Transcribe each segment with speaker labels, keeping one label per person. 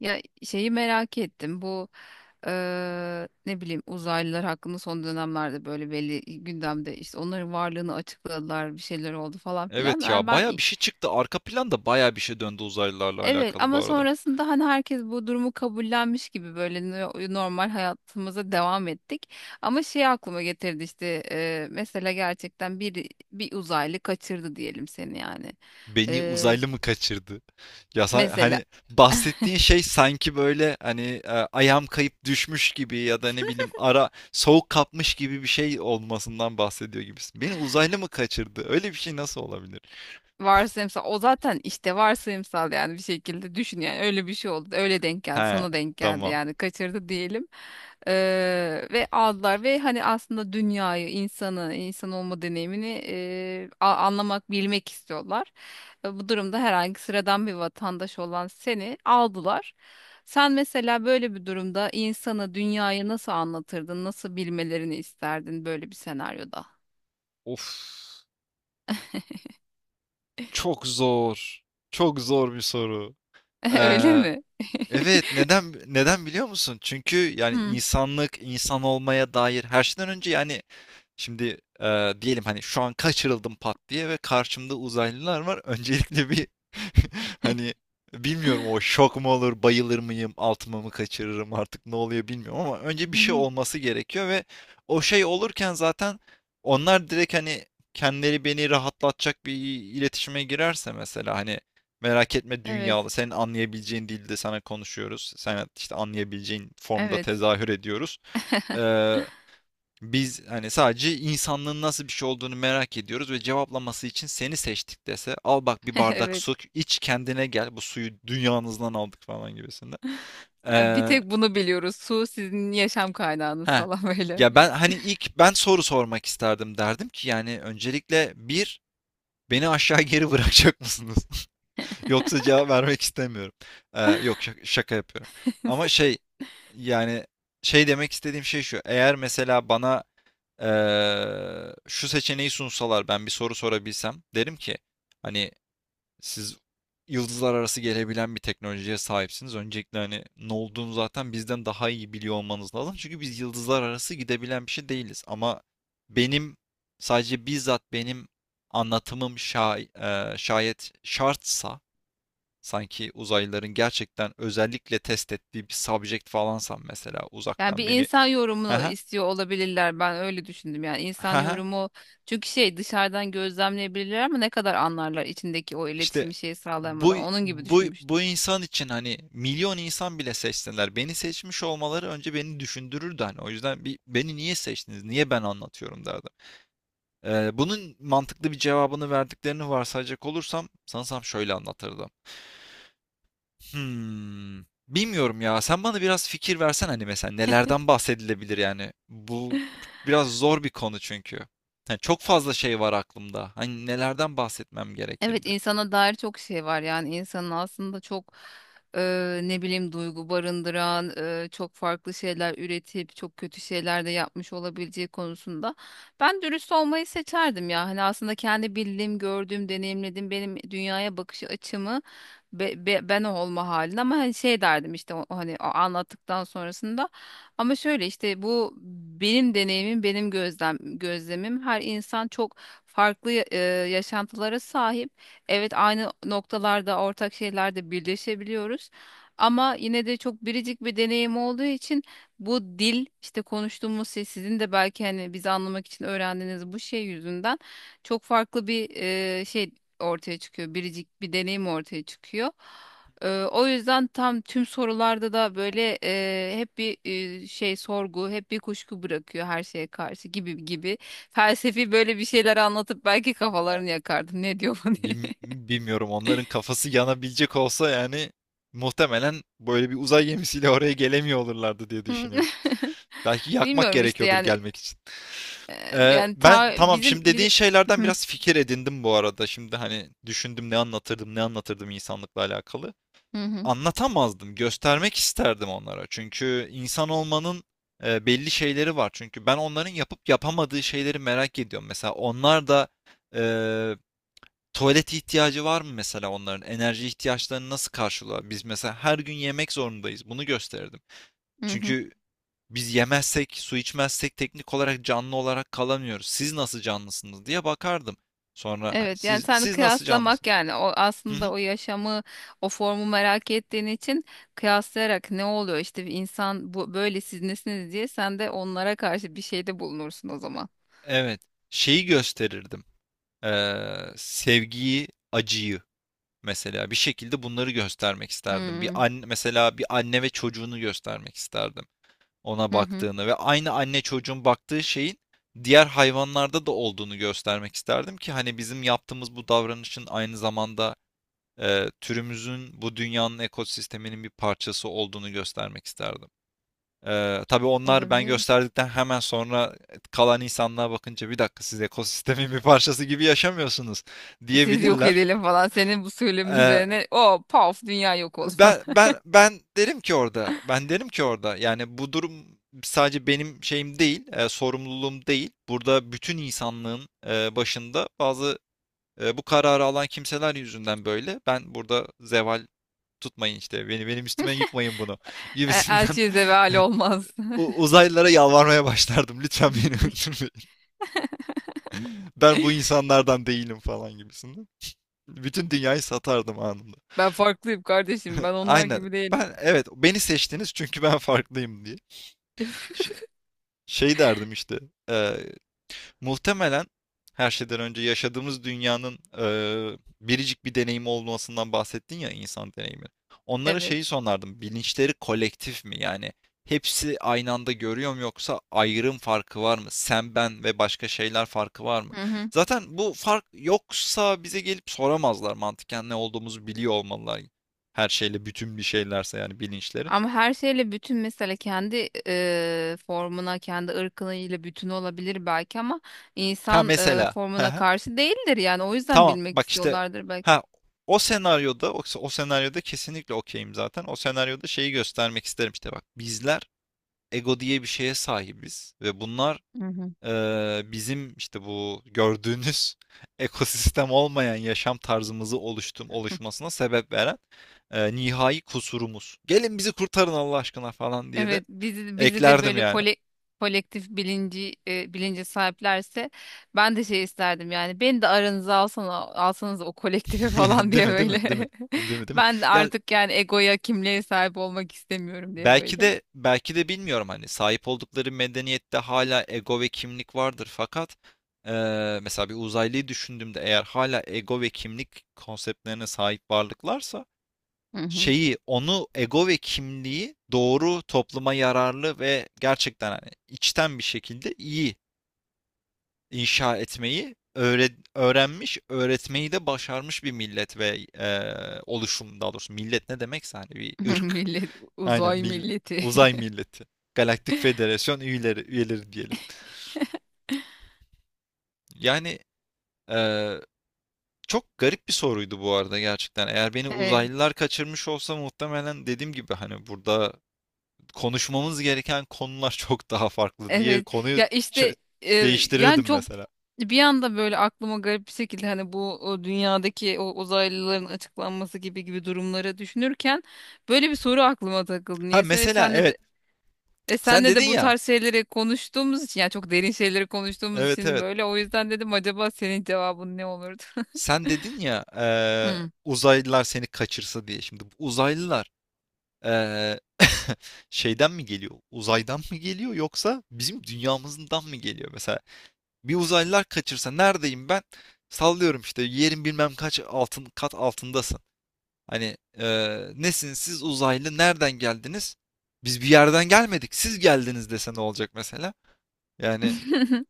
Speaker 1: Ya şeyi merak ettim bu ne bileyim uzaylılar hakkında son dönemlerde böyle belli gündemde işte onların varlığını açıkladılar, bir şeyler oldu falan filan.
Speaker 2: Evet
Speaker 1: Yani
Speaker 2: ya
Speaker 1: ben
Speaker 2: baya bir şey çıktı. Arka planda baya bir şey döndü uzaylılarla
Speaker 1: evet,
Speaker 2: alakalı bu
Speaker 1: ama
Speaker 2: arada.
Speaker 1: sonrasında hani herkes bu durumu kabullenmiş gibi böyle normal hayatımıza devam ettik. Ama şey aklıma getirdi işte mesela gerçekten bir uzaylı kaçırdı diyelim seni yani.
Speaker 2: Beni
Speaker 1: Eee,
Speaker 2: uzaylı mı kaçırdı? Ya
Speaker 1: Mesela
Speaker 2: hani bahsettiğin şey sanki böyle hani ayağım kayıp düşmüş gibi ya da ne bileyim ara soğuk kapmış gibi bir şey olmasından bahsediyor gibisin. Beni uzaylı mı kaçırdı? Öyle bir şey nasıl olabilir?
Speaker 1: Varsayımsal o zaten, işte varsayımsal, yani bir şekilde düşün, yani öyle bir şey oldu, öyle denk geldi,
Speaker 2: He,
Speaker 1: sana denk geldi,
Speaker 2: tamam.
Speaker 1: yani kaçırdı diyelim. Ve aldılar ve hani aslında dünyayı, insanı, insan olma deneyimini anlamak, bilmek istiyorlar. Bu durumda herhangi sıradan bir vatandaş olan seni aldılar, sen mesela böyle bir durumda insanı, dünyayı nasıl anlatırdın, nasıl bilmelerini isterdin böyle bir senaryoda?
Speaker 2: Of, çok zor. Çok zor bir soru.
Speaker 1: Öyle
Speaker 2: Ee,
Speaker 1: mi?
Speaker 2: Evet, neden biliyor musun? Çünkü yani
Speaker 1: Hmm.
Speaker 2: insanlık, insan olmaya dair her şeyden önce yani. Şimdi diyelim hani şu an kaçırıldım pat diye ve karşımda uzaylılar var. Öncelikle bir hani bilmiyorum, o şok mu olur, bayılır mıyım, altıma mı kaçırırım artık ne oluyor bilmiyorum, ama önce bir şey olması gerekiyor ve o şey olurken zaten onlar direkt hani kendileri beni rahatlatacak bir iletişime girerse, mesela hani merak etme dünyalı,
Speaker 1: Evet.
Speaker 2: senin anlayabileceğin dilde sana konuşuyoruz. Sen işte anlayabileceğin formda
Speaker 1: Evet.
Speaker 2: tezahür ediyoruz. Ee, biz hani sadece insanlığın nasıl bir şey olduğunu merak ediyoruz ve cevaplaması için seni seçtik dese, al bak bir bardak
Speaker 1: Evet.
Speaker 2: su iç kendine gel, bu suyu dünyanızdan aldık falan gibisinde.
Speaker 1: Bir
Speaker 2: Ee,
Speaker 1: tek bunu biliyoruz. Su sizin yaşam kaynağınız
Speaker 2: heh.
Speaker 1: falan böyle.
Speaker 2: Ya ben hani ilk ben soru sormak isterdim, derdim ki yani öncelikle bir beni aşağı geri bırakacak mısınız? Yoksa cevap vermek istemiyorum. Yok şaka, şaka yapıyorum. Ama şey, yani şey demek istediğim şey şu. Eğer mesela bana şu seçeneği sunsalar, ben bir soru sorabilsem, derim ki hani siz yıldızlar arası gelebilen bir teknolojiye sahipsiniz. Öncelikle hani ne olduğunu zaten bizden daha iyi biliyor olmanız lazım. Çünkü biz yıldızlar arası gidebilen bir şey değiliz. Ama benim, sadece bizzat benim anlatımım şayet şartsa, sanki uzaylıların gerçekten özellikle test ettiği bir subject falansam, mesela
Speaker 1: Yani
Speaker 2: uzaktan
Speaker 1: bir
Speaker 2: beni.
Speaker 1: insan yorumunu
Speaker 2: Ha,
Speaker 1: istiyor olabilirler. Ben öyle düşündüm. Yani insan
Speaker 2: ha, ha,
Speaker 1: yorumu, çünkü şey, dışarıdan gözlemleyebilirler ama ne kadar anlarlar içindeki o
Speaker 2: işte.
Speaker 1: iletişimi, şeyi
Speaker 2: Bu
Speaker 1: sağlayamadan. Onun gibi
Speaker 2: bu
Speaker 1: düşünmüştüm.
Speaker 2: bu insan için, hani milyon insan bile seçseler beni seçmiş olmaları önce beni düşündürürdü hani. O yüzden, bir beni niye seçtiniz? Niye ben anlatıyorum derdim. Bunun mantıklı bir cevabını verdiklerini varsayacak olursam, sanırsam şöyle anlatırdım. Hmm. Bilmiyorum ya. Sen bana biraz fikir versen, hani mesela nelerden bahsedilebilir yani. Bu biraz zor bir konu çünkü. Yani çok fazla şey var aklımda. Hani nelerden bahsetmem
Speaker 1: Evet,
Speaker 2: gerekirdi?
Speaker 1: insana dair çok şey var, yani insanın aslında çok ne bileyim duygu barındıran, çok farklı şeyler üretip çok kötü şeyler de yapmış olabileceği konusunda ben dürüst olmayı seçerdim ya, hani aslında kendi bildiğim, gördüğüm, deneyimlediğim, benim dünyaya bakış açımı, ben o olma halinde, ama hani şey derdim işte, o, o hani o anlattıktan sonrasında, ama şöyle işte, bu benim deneyimim, benim gözlemim, her insan çok farklı yaşantılara sahip. Evet, aynı noktalarda, ortak şeylerde birleşebiliyoruz. Ama yine de çok biricik bir deneyim olduğu için bu dil, işte konuştuğumuz şey, sizin de belki hani bizi anlamak için öğrendiğiniz bu şey yüzünden çok farklı bir şey ortaya çıkıyor. Biricik bir deneyim ortaya çıkıyor. O yüzden tam tüm sorularda da böyle hep bir şey, sorgu, hep bir kuşku bırakıyor her şeye karşı gibi gibi. Felsefi böyle bir şeyler anlatıp belki
Speaker 2: Ee,
Speaker 1: kafalarını yakardım. Ne diyor bu diye.
Speaker 2: bilmiyorum onların kafası yanabilecek olsa, yani muhtemelen böyle bir uzay gemisiyle oraya gelemiyor olurlardı diye
Speaker 1: Hmm.
Speaker 2: düşünüyorum. Belki yakmak
Speaker 1: Bilmiyorum işte
Speaker 2: gerekiyordur
Speaker 1: yani
Speaker 2: gelmek için.
Speaker 1: yani
Speaker 2: Ben,
Speaker 1: ta
Speaker 2: tamam,
Speaker 1: bizim
Speaker 2: şimdi dediğin
Speaker 1: bizi.
Speaker 2: şeylerden
Speaker 1: Hı
Speaker 2: biraz fikir edindim bu arada. Şimdi hani düşündüm, ne anlatırdım, ne anlatırdım insanlıkla alakalı.
Speaker 1: hı, hı
Speaker 2: Anlatamazdım, göstermek isterdim onlara. Çünkü insan olmanın belli şeyleri var. Çünkü ben onların yapıp yapamadığı şeyleri merak ediyorum. Mesela onlar da e, tuvalet ihtiyacı var mı mesela onların? Enerji ihtiyaçlarını nasıl karşılıyor? Biz mesela her gün yemek zorundayız. Bunu gösterirdim.
Speaker 1: hı, hı.
Speaker 2: Çünkü biz yemezsek, su içmezsek teknik olarak canlı olarak kalamıyoruz. Siz nasıl canlısınız diye bakardım. Sonra hani,
Speaker 1: Evet yani
Speaker 2: siz
Speaker 1: sen
Speaker 2: siz nasıl
Speaker 1: kıyaslamak,
Speaker 2: canlısınız?
Speaker 1: yani o
Speaker 2: Hı
Speaker 1: aslında
Speaker 2: hı.
Speaker 1: o yaşamı, o formu merak ettiğin için kıyaslayarak ne oluyor, işte bir insan bu böyle, siz nesiniz diye sen de onlara karşı bir şeyde bulunursun o zaman.
Speaker 2: Evet. Şeyi gösterirdim. Sevgiyi, acıyı, mesela bir şekilde bunları göstermek isterdim. Bir
Speaker 1: Hmm.
Speaker 2: anne, mesela bir anne ve çocuğunu göstermek isterdim. Ona
Speaker 1: Hı hı.
Speaker 2: baktığını ve aynı anne çocuğun baktığı şeyin diğer hayvanlarda da olduğunu göstermek isterdim ki, hani bizim yaptığımız bu davranışın aynı zamanda türümüzün, bu dünyanın ekosisteminin bir parçası olduğunu göstermek isterdim. Tabii onlar ben
Speaker 1: Olabilir.
Speaker 2: gösterdikten hemen sonra, kalan insanlığa bakınca, bir dakika siz ekosistemin bir parçası gibi yaşamıyorsunuz
Speaker 1: Siz yok
Speaker 2: diyebilirler.
Speaker 1: edelim falan, senin bu söylemin
Speaker 2: E,
Speaker 1: üzerine o paf, dünya yok olma.
Speaker 2: Ben ben ben derim ki orada, ben derim ki orada yani bu durum sadece benim şeyim değil, sorumluluğum değil. Burada bütün insanlığın başında bazı, bu kararı alan kimseler yüzünden böyle. Ben burada zeval tutmayın işte, beni, benim üstüme yıkmayın bunu, gibisinden
Speaker 1: Elçiye zeval olmaz.
Speaker 2: uzaylılara yalvarmaya başlardım. Lütfen beni öldürmeyin. Ben bu insanlardan değilim falan gibisinden. Bütün dünyayı satardım anında.
Speaker 1: Ben farklıyım kardeşim. Ben onlar
Speaker 2: Aynen.
Speaker 1: gibi değilim.
Speaker 2: Ben, evet, beni seçtiniz çünkü ben farklıyım diye. Ş- şey derdim işte. e, muhtemelen her şeyden önce yaşadığımız dünyanın biricik bir deneyimi olmasından bahsettin ya, insan deneyimi. Onlara şeyi
Speaker 1: Evet.
Speaker 2: sorardım. Bilinçleri kolektif mi? Yani hepsi aynı anda görüyor mu, yoksa ayrım farkı var mı? Sen, ben ve başka şeyler farkı var mı?
Speaker 1: Hı hı.
Speaker 2: Zaten bu fark yoksa bize gelip soramazlar, mantıken ne olduğumuzu biliyor olmalılar. Her şeyle bütün bir şeylerse yani bilinçleri.
Speaker 1: Ama her şeyle bütün, mesela kendi formuna, kendi ırkıyla bütün olabilir belki, ama
Speaker 2: Ha,
Speaker 1: insan
Speaker 2: mesela.
Speaker 1: formuna karşı değildir, yani o yüzden
Speaker 2: Tamam
Speaker 1: bilmek
Speaker 2: bak işte,
Speaker 1: istiyorlardır belki.
Speaker 2: ha, o senaryoda, o senaryoda kesinlikle okeyim zaten. O senaryoda şeyi göstermek isterim, işte bak bizler ego diye bir şeye sahibiz ve bunlar
Speaker 1: Hı hı.
Speaker 2: bizim, işte bu gördüğünüz ekosistem olmayan yaşam tarzımızı oluşmasına sebep veren nihai kusurumuz. Gelin bizi kurtarın Allah aşkına falan diye de
Speaker 1: Evet, bizi de
Speaker 2: eklerdim
Speaker 1: böyle
Speaker 2: yani.
Speaker 1: kole, kolektif bilinci bilince sahiplerse ben de şey isterdim, yani beni de aranıza alsana, alsanız o kolektife falan
Speaker 2: Değil
Speaker 1: diye
Speaker 2: mi? Değil mi? Değil mi?
Speaker 1: böyle.
Speaker 2: Değil mi? Değil mi?
Speaker 1: Ben de
Speaker 2: Ya,
Speaker 1: artık yani egoya, kimliğe sahip olmak istemiyorum diye
Speaker 2: belki
Speaker 1: böyle.
Speaker 2: de belki de bilmiyorum, hani sahip oldukları medeniyette hala ego ve kimlik vardır, fakat mesela bir uzaylıyı düşündüğümde, eğer hala ego ve kimlik konseptlerine sahip varlıklarsa,
Speaker 1: Hı hı.
Speaker 2: şeyi, onu, ego ve kimliği doğru, topluma yararlı ve gerçekten hani içten bir şekilde iyi inşa etmeyi öğrenmiş, öğretmeyi de başarmış bir millet ve e, oluşum, daha doğrusu millet ne demekse hani, bir ırk.
Speaker 1: Millet
Speaker 2: Aynen,
Speaker 1: uzay
Speaker 2: millet.
Speaker 1: milleti.
Speaker 2: Uzay milleti. Galaktik Federasyon üyeleri, diyelim. Yani, e, çok garip bir soruydu bu arada gerçekten. Eğer beni
Speaker 1: Evet.
Speaker 2: uzaylılar kaçırmış olsa, muhtemelen dediğim gibi hani burada konuşmamız gereken konular çok daha farklı diye,
Speaker 1: Evet
Speaker 2: konuyu
Speaker 1: ya
Speaker 2: ç-
Speaker 1: işte, e, yani
Speaker 2: değiştirirdim
Speaker 1: çok,
Speaker 2: mesela.
Speaker 1: bir anda böyle aklıma garip bir şekilde hani bu o dünyadaki o uzaylıların açıklanması gibi gibi durumları düşünürken böyle bir soru aklıma takıldı
Speaker 2: Ha
Speaker 1: niyeyse, ve
Speaker 2: mesela,
Speaker 1: senle
Speaker 2: evet,
Speaker 1: de
Speaker 2: sen
Speaker 1: senle
Speaker 2: dedin
Speaker 1: de bu
Speaker 2: ya.
Speaker 1: tarz şeyleri konuştuğumuz için, yani çok derin şeyleri konuştuğumuz
Speaker 2: Evet,
Speaker 1: için
Speaker 2: evet.
Speaker 1: böyle, o yüzden dedim acaba senin cevabın ne olurdu?
Speaker 2: Sen dedin ya,
Speaker 1: Hmm.
Speaker 2: uzaylılar seni kaçırsa diye. Şimdi bu uzaylılar, eee, şeyden mi geliyor? Uzaydan mı geliyor yoksa bizim dünyamızdan mı geliyor? Mesela bir uzaylılar kaçırsa, neredeyim ben? Sallıyorum işte, yerin bilmem kaç altın kat altındasın. Hani nesiniz siz uzaylı, nereden geldiniz? Biz bir yerden gelmedik. Siz geldiniz dese, ne olacak mesela? Yani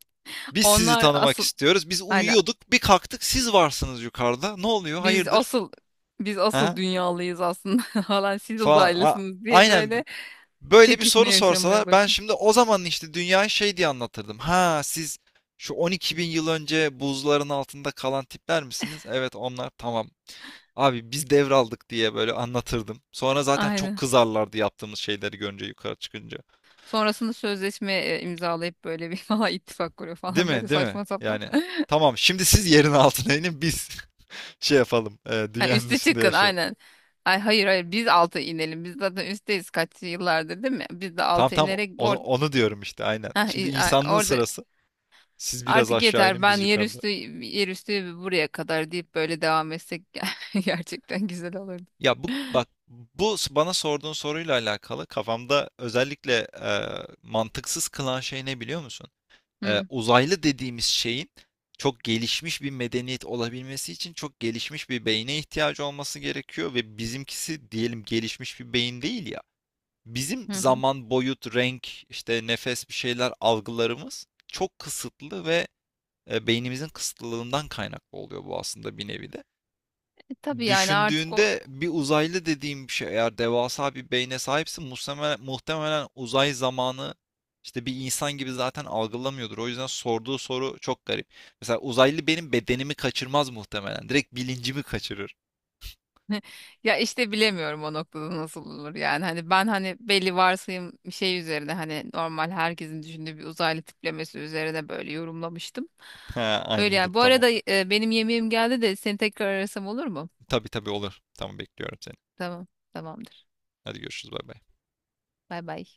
Speaker 2: biz sizi
Speaker 1: Onlar
Speaker 2: tanımak
Speaker 1: asıl,
Speaker 2: istiyoruz. Biz
Speaker 1: aynen,
Speaker 2: uyuyorduk, bir kalktık siz varsınız yukarıda. Ne oluyor?
Speaker 1: biz
Speaker 2: Hayırdır?
Speaker 1: asıl biz asıl
Speaker 2: Ha?
Speaker 1: dünyalıyız aslında falan, siz
Speaker 2: falan.
Speaker 1: uzaylısınız diye
Speaker 2: Aynen,
Speaker 1: böyle
Speaker 2: böyle bir
Speaker 1: çekişme
Speaker 2: soru
Speaker 1: yaşamaya
Speaker 2: sorsalar, ben
Speaker 1: başladı.
Speaker 2: şimdi o zaman işte dünyayı şey diye anlatırdım. Ha, siz şu 12 bin yıl önce buzların altında kalan tipler misiniz? Evet onlar, tamam. Abi biz devraldık diye böyle anlatırdım. Sonra zaten çok
Speaker 1: Aynen.
Speaker 2: kızarlardı, yaptığımız şeyleri görünce yukarı çıkınca.
Speaker 1: Sonrasında sözleşme imzalayıp böyle bir falan ittifak kuruyor
Speaker 2: Değil
Speaker 1: falan, böyle
Speaker 2: mi? Değil mi?
Speaker 1: saçma sapan.
Speaker 2: Yani tamam, şimdi siz yerin altına inin, biz şey yapalım. e,
Speaker 1: Ha,
Speaker 2: dünyanın
Speaker 1: üste
Speaker 2: üstünde
Speaker 1: çıkın
Speaker 2: yaşayalım.
Speaker 1: aynen. Ay hayır hayır, biz altı inelim. Biz zaten üstteyiz kaç yıllardır değil mi? Biz de
Speaker 2: Tam
Speaker 1: altı
Speaker 2: tam
Speaker 1: inerek
Speaker 2: onu,
Speaker 1: orada,
Speaker 2: onu diyorum işte aynen. Şimdi insanlığın
Speaker 1: orada
Speaker 2: sırası. Siz biraz
Speaker 1: artık
Speaker 2: aşağı
Speaker 1: yeter,
Speaker 2: inin,
Speaker 1: ben
Speaker 2: biz
Speaker 1: yer
Speaker 2: yukarıda.
Speaker 1: üstü, yer üstü buraya kadar deyip böyle devam etsek gerçekten güzel olurdu.
Speaker 2: Ya bu bak, bu bana sorduğun soruyla alakalı kafamda özellikle e, mantıksız kılan şey ne biliyor musun? E,
Speaker 1: Hı
Speaker 2: uzaylı dediğimiz şeyin çok gelişmiş bir medeniyet olabilmesi için çok gelişmiş bir beyne ihtiyacı olması gerekiyor ve bizimkisi diyelim gelişmiş bir beyin değil ya. Bizim
Speaker 1: hı. Hı.
Speaker 2: zaman, boyut, renk, işte nefes, bir şeyler algılarımız çok kısıtlı ve beynimizin kısıtlılığından kaynaklı oluyor bu, aslında bir nevi de.
Speaker 1: Tabii yani artık o,
Speaker 2: Düşündüğünde bir uzaylı dediğim bir şey, eğer devasa bir beyne sahipsin muhtemelen, uzay zamanı işte bir insan gibi zaten algılamıyordur. O yüzden sorduğu soru çok garip. Mesela uzaylı benim bedenimi kaçırmaz muhtemelen. Direkt bilincimi kaçırır.
Speaker 1: ya işte bilemiyorum o noktada nasıl olur yani, hani ben hani belli varsayım bir şey üzerine, hani normal herkesin düşündüğü bir uzaylı tiplemesi üzerine böyle yorumlamıştım.
Speaker 2: Ha,
Speaker 1: Öyle
Speaker 2: anladım,
Speaker 1: yani. Bu
Speaker 2: tamam.
Speaker 1: arada benim yemeğim geldi de seni tekrar arasam olur mu?
Speaker 2: Tabii tabii olur. Tamam, bekliyorum seni.
Speaker 1: Tamam, tamamdır.
Speaker 2: Hadi görüşürüz, bay bay.
Speaker 1: Bay bay.